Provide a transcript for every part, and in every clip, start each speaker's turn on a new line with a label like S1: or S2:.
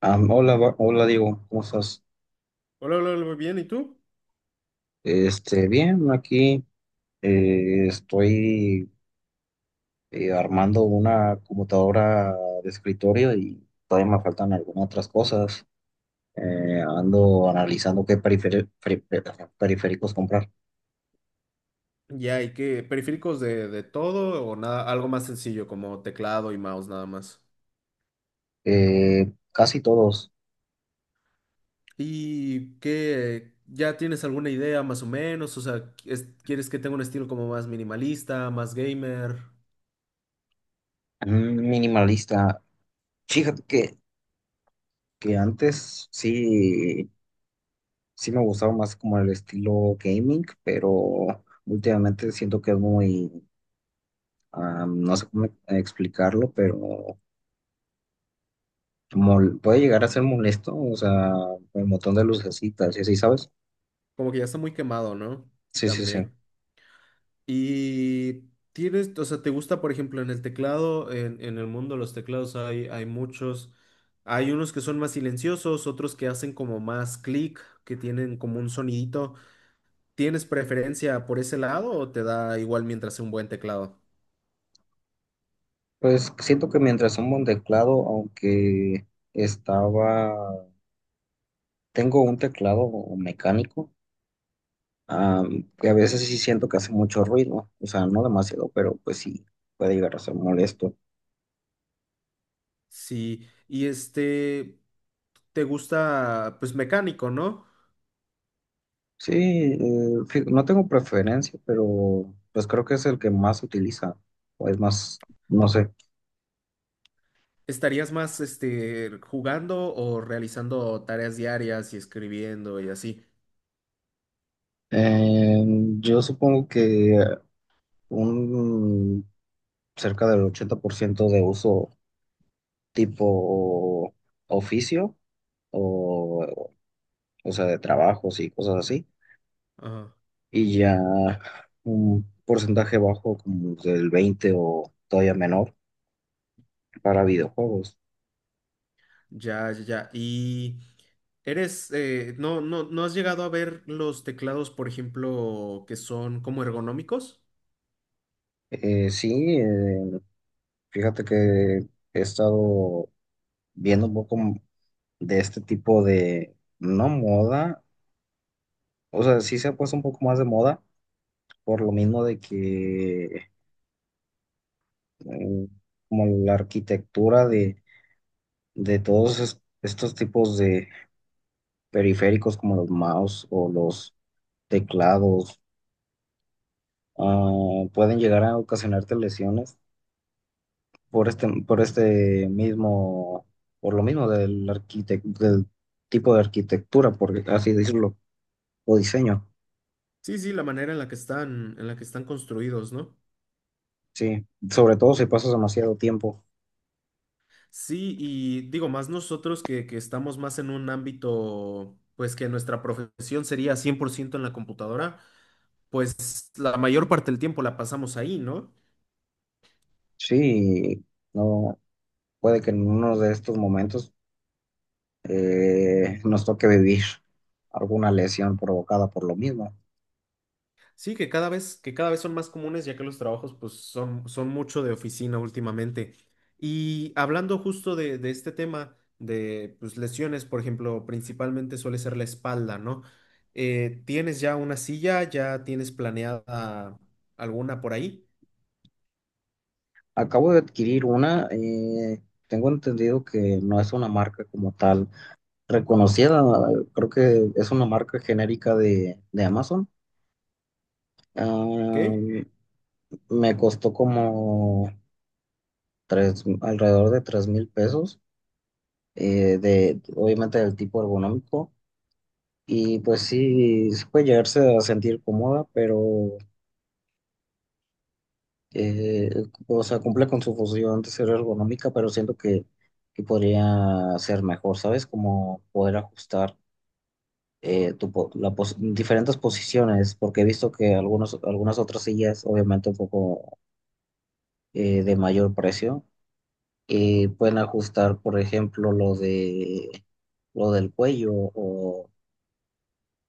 S1: Hola, hola Diego, ¿cómo estás?
S2: Hola, hola, hola, muy bien. ¿Y tú?
S1: Bien, aquí estoy armando una computadora de escritorio y todavía me faltan algunas otras cosas. Ando analizando qué periféricos comprar.
S2: Ya, ¿y qué? Periféricos de todo o nada. Algo más sencillo como teclado y mouse nada más.
S1: Casi todos,
S2: ¿Y qué? ¿Ya tienes alguna idea más o menos? O sea, ¿quieres que tenga un estilo como más minimalista, más gamer?
S1: minimalista. Fíjate que antes sí, sí me gustaba más como el estilo gaming, pero últimamente siento que es muy no sé cómo explicarlo, pero puede llegar a ser molesto, o sea, el montón de lucecitas y así, ¿sabes?
S2: Como que ya está muy quemado, ¿no?
S1: Sí, sí, sí.
S2: También. ¿Y tienes, o sea, te gusta, por ejemplo, en el teclado, en el mundo de los teclados hay, muchos. Hay unos que son más silenciosos, otros que hacen como más clic, que tienen como un sonidito. ¿Tienes preferencia por ese lado o te da igual mientras sea un buen teclado?
S1: Pues siento que mientras un buen teclado, estaba, tengo un teclado mecánico, ah, que a veces sí siento que hace mucho ruido, o sea, no demasiado, pero pues sí, puede llegar a ser molesto.
S2: Sí, y este, te gusta pues mecánico, ¿no?
S1: Sí, eh, no tengo preferencia, pero pues creo que es el que más se utiliza, o es más, no sé.
S2: ¿Estarías más este jugando o realizando tareas diarias y escribiendo y así?
S1: Eh, yo supongo que un cerca del 80% de uso tipo oficio o, o sea, de trabajos y cosas así.
S2: Ah,
S1: Y ya un porcentaje bajo como del 20 o todavía menor para videojuegos.
S2: ya, ya, ya. Y eres, ¿no has llegado a ver los teclados, por ejemplo, que son como ergonómicos?
S1: Eh, sí, eh, Fíjate que he estado viendo un poco de este tipo de, no moda, o sea, sí se ha puesto un poco más de moda por lo mismo de que mm, como la arquitectura de todos estos tipos de periféricos como los mouse o los teclados pueden llegar a ocasionarte lesiones por este mismo, por lo mismo del del tipo de arquitectura, por así decirlo, o diseño.
S2: Sí, sí, la manera en la que están, en la que están construidos, ¿no?
S1: Sí, sobre todo si pasas demasiado tiempo.
S2: Sí, y digo, más nosotros que estamos más en un ámbito, pues que nuestra profesión sería 100% en la computadora, pues la mayor parte del tiempo la pasamos ahí, ¿no?
S1: Sí, no, puede que en uno de estos momentos nos toque vivir alguna lesión provocada por lo mismo.
S2: Sí, que cada vez son más comunes, ya que los trabajos pues son, son mucho de oficina últimamente. Y hablando justo de este tema de pues, lesiones, por ejemplo, principalmente suele ser la espalda, ¿no? ¿Tienes ya una silla? ¿Ya tienes planeada alguna por ahí?
S1: Acabo de adquirir una, tengo entendido que no es una marca como tal reconocida, creo que es una marca genérica de Amazon.
S2: ¿Qué?
S1: Ah, Me costó como tres, alrededor de 3000 pesos, obviamente del tipo ergonómico. Y pues sí, sí puede llegarse a sentir cómoda, pero eh, o sea, cumple con su función de ser ergonómica, pero siento que podría ser mejor, ¿sabes? Como poder ajustar tu diferentes posiciones, porque he visto que algunos, algunas otras sillas, obviamente un poco de mayor precio, pueden ajustar, por ejemplo, lo de, lo del cuello o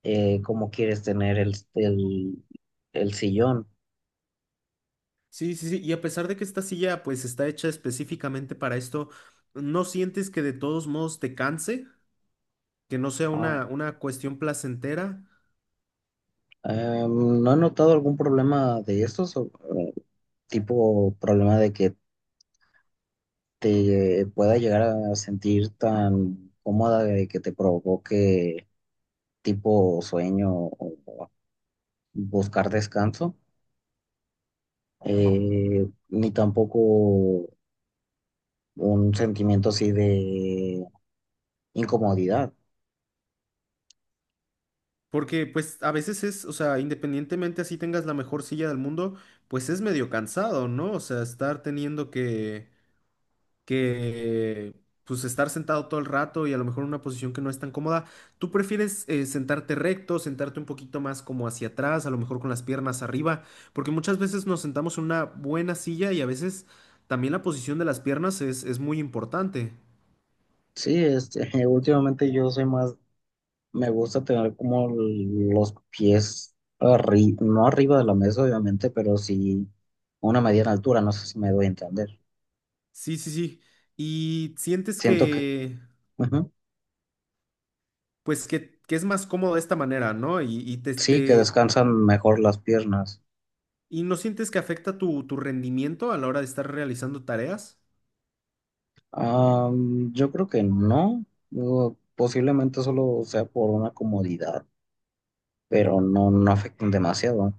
S1: cómo quieres tener el sillón.
S2: Sí, sí, sí. Y a pesar de que esta silla pues está hecha específicamente para esto, ¿no sientes que de todos modos te canse? Que no sea
S1: Ah,
S2: una cuestión placentera.
S1: ¿No he notado algún problema de estos? Tipo problema de que te pueda llegar a sentir tan cómoda de que te provoque tipo sueño o buscar descanso, ni tampoco un sentimiento así de incomodidad.
S2: Porque pues a veces es, o sea, independientemente así tengas la mejor silla del mundo, pues es medio cansado, ¿no? O sea, estar teniendo que pues estar sentado todo el rato y a lo mejor en una posición que no es tan cómoda. ¿Tú prefieres sentarte recto, sentarte un poquito más como hacia atrás, a lo mejor con las piernas arriba? Porque muchas veces nos sentamos en una buena silla y a veces también la posición de las piernas es muy importante.
S1: Sí, este, últimamente yo soy más, me gusta tener como los pies no arriba de la mesa, obviamente, pero sí una mediana altura, no sé si me doy a entender.
S2: Sí, sí, sí. Y sientes
S1: Siento que...
S2: que,
S1: ujú.
S2: pues que es más cómodo de esta manera, ¿no? Y te,
S1: Sí, que
S2: te-
S1: descansan mejor las piernas.
S2: ¿y no sientes que afecta tu, tu rendimiento a la hora de estar realizando tareas?
S1: Yo creo que no. Digo, posiblemente solo sea por una comodidad, pero no, no afectan demasiado.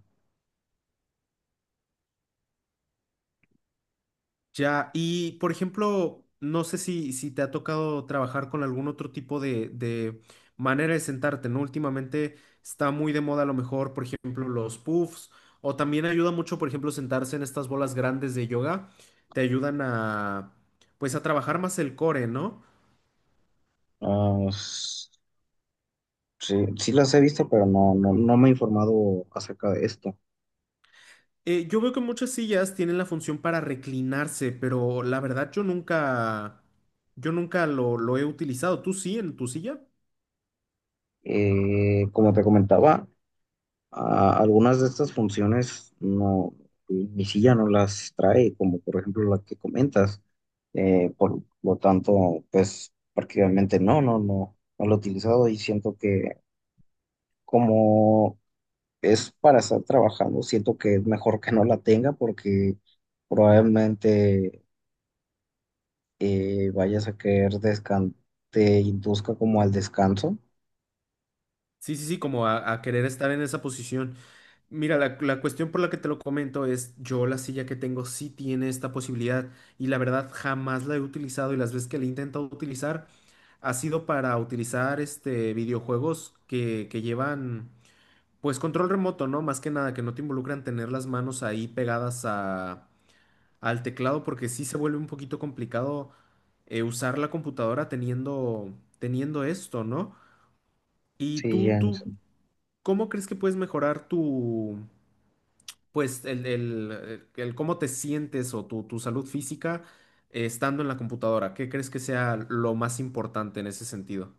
S2: Ya, y por ejemplo, no sé si, si te ha tocado trabajar con algún otro tipo de manera de sentarte, ¿no? Últimamente está muy de moda a lo mejor, por ejemplo, los puffs, o también ayuda mucho, por ejemplo, sentarse en estas bolas grandes de yoga, te ayudan a, pues, a trabajar más el core, ¿no?
S1: Ah, s- sí, sí las he visto, pero no, no, no me he informado acerca de esto.
S2: Yo veo que muchas sillas tienen la función para reclinarse, pero la verdad yo nunca lo, lo he utilizado. ¿Tú sí en tu silla?
S1: Como te comentaba, algunas de estas funciones no, mi silla no las trae, como por ejemplo la que comentas. Por lo tanto, pues prácticamente no, no lo he utilizado y siento que como es para estar trabajando, siento que es mejor que no la tenga porque probablemente vayas a querer descan te induzca como al descanso.
S2: Sí, sí, sí, como a querer estar en esa posición. Mira, la cuestión por la que te lo comento es, yo la silla que tengo sí tiene esta posibilidad y la verdad jamás la he utilizado y las veces que la he intentado utilizar ha sido para utilizar este videojuegos que llevan pues control remoto, ¿no? Más que nada que no te involucran tener las manos ahí pegadas a, al teclado porque sí se vuelve un poquito complicado usar la computadora teniendo, teniendo esto, ¿no? Y
S1: Sí,
S2: tú,
S1: ya.
S2: ¿cómo crees que puedes mejorar tu pues el cómo te sientes o tu salud física estando en la computadora? ¿Qué crees que sea lo más importante en ese sentido?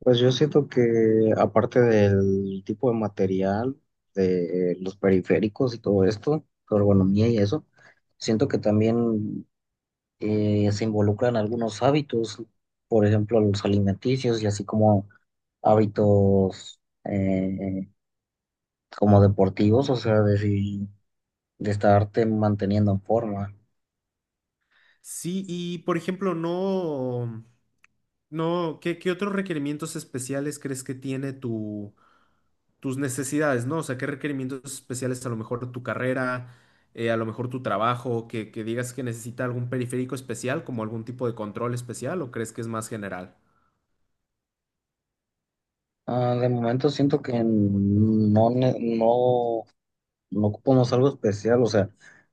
S1: Pues yo siento que aparte del tipo de material, de los periféricos y todo esto, tu ergonomía y eso, siento que también se involucran algunos hábitos, por ejemplo, los alimenticios y así como hábitos eh, como deportivos, o sea, de, si- de estarte manteniendo en forma.
S2: Sí, y por ejemplo, no, no, ¿qué, qué otros requerimientos especiales crees que tiene tu, tus necesidades, ¿no? O sea, ¿qué requerimientos especiales a lo mejor tu carrera, a lo mejor tu trabajo, que digas que necesita algún periférico especial, como algún tipo de control especial, o crees que es más general?
S1: De momento siento que no, no no ocupamos algo especial, o sea,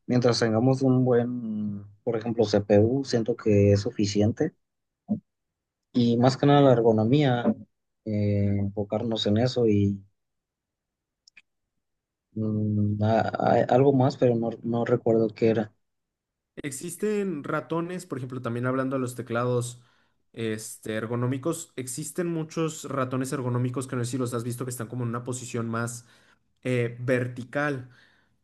S1: mientras tengamos un buen, por ejemplo, CPU, siento que es suficiente. Y más que nada la ergonomía, enfocarnos en eso y algo más, pero no, no recuerdo qué era.
S2: Existen ratones, por ejemplo, también hablando de los teclados este, ergonómicos, existen muchos ratones ergonómicos que no sé si los has visto que están como en una posición más vertical.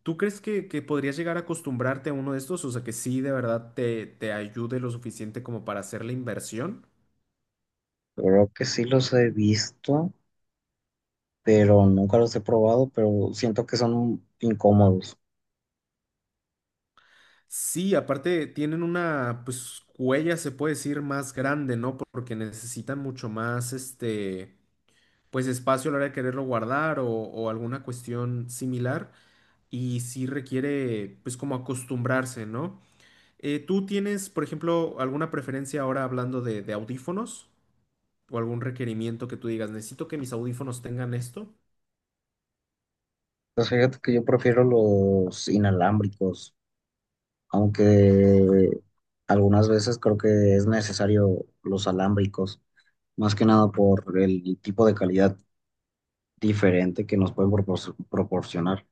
S2: ¿Tú crees que podrías llegar a acostumbrarte a uno de estos? O sea, que sí, de verdad, te ayude lo suficiente como para hacer la inversión.
S1: Creo que sí los he visto, pero nunca los he probado, pero siento que son incómodos.
S2: Sí, aparte tienen una, pues, huella, se puede decir, más grande, ¿no? Porque necesitan mucho más, este, pues, espacio a la hora de quererlo guardar o alguna cuestión similar. Y sí requiere pues como acostumbrarse, ¿no? ¿Tú tienes, por ejemplo, alguna preferencia ahora hablando de audífonos o algún requerimiento que tú digas, necesito que mis audífonos tengan esto?
S1: Pues fíjate que yo prefiero los inalámbricos, aunque algunas veces creo que es necesario los alámbricos, más que nada por el tipo de calidad diferente que nos pueden proporcionar.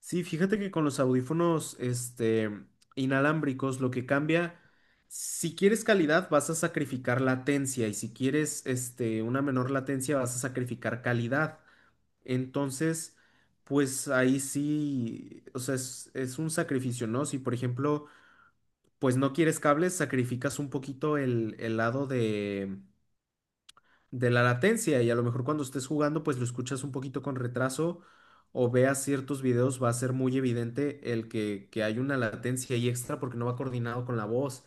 S2: Sí, fíjate que con los audífonos este, inalámbricos lo que cambia, si quieres calidad vas a sacrificar latencia y si quieres este, una menor latencia vas a sacrificar calidad. Entonces, pues ahí sí, o sea, es un sacrificio, ¿no? Si por ejemplo pues no quieres cables, sacrificas un poquito el lado de la latencia y a lo mejor cuando estés jugando, pues lo escuchas un poquito con retraso o veas ciertos videos, va a ser muy evidente el que hay una latencia ahí extra porque no va coordinado con la voz.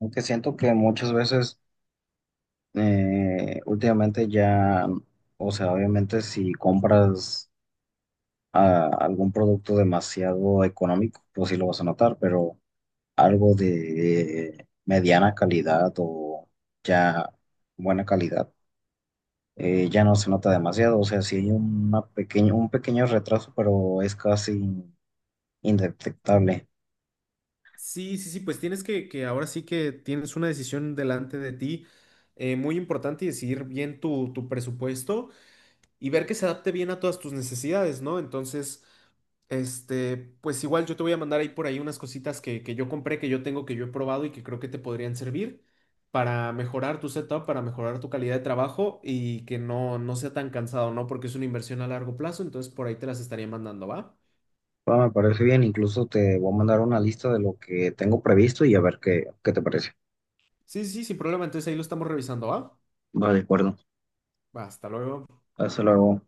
S1: Aunque siento que muchas veces últimamente ya, o sea, obviamente si compras algún producto demasiado económico, pues sí lo vas a notar, pero algo de mediana calidad o ya buena calidad. Ya no se nota demasiado, o sea, sí hay una pequeña, un pequeño retraso, pero es casi indetectable.
S2: Sí, sí, sí, pues tienes que ahora sí que tienes una decisión delante de ti muy importante y decidir bien tu, tu presupuesto y ver que se adapte bien a todas tus necesidades, ¿no? Entonces este, pues igual yo te voy a mandar ahí por ahí unas cositas que yo compré, que yo tengo, que yo he probado y que creo que te podrían servir para mejorar tu setup, para mejorar tu calidad de trabajo y que no, no sea tan cansado, ¿no? Porque es una inversión a largo plazo, entonces por ahí te las estaría mandando, ¿va?
S1: Va, me parece bien, incluso te voy a mandar una lista de lo que tengo previsto y a ver qué, qué te parece.
S2: Sí, sí, sí, sin problema, entonces ahí lo estamos revisando, ¿va?
S1: Va, de acuerdo.
S2: Va, hasta luego.
S1: Hasta luego.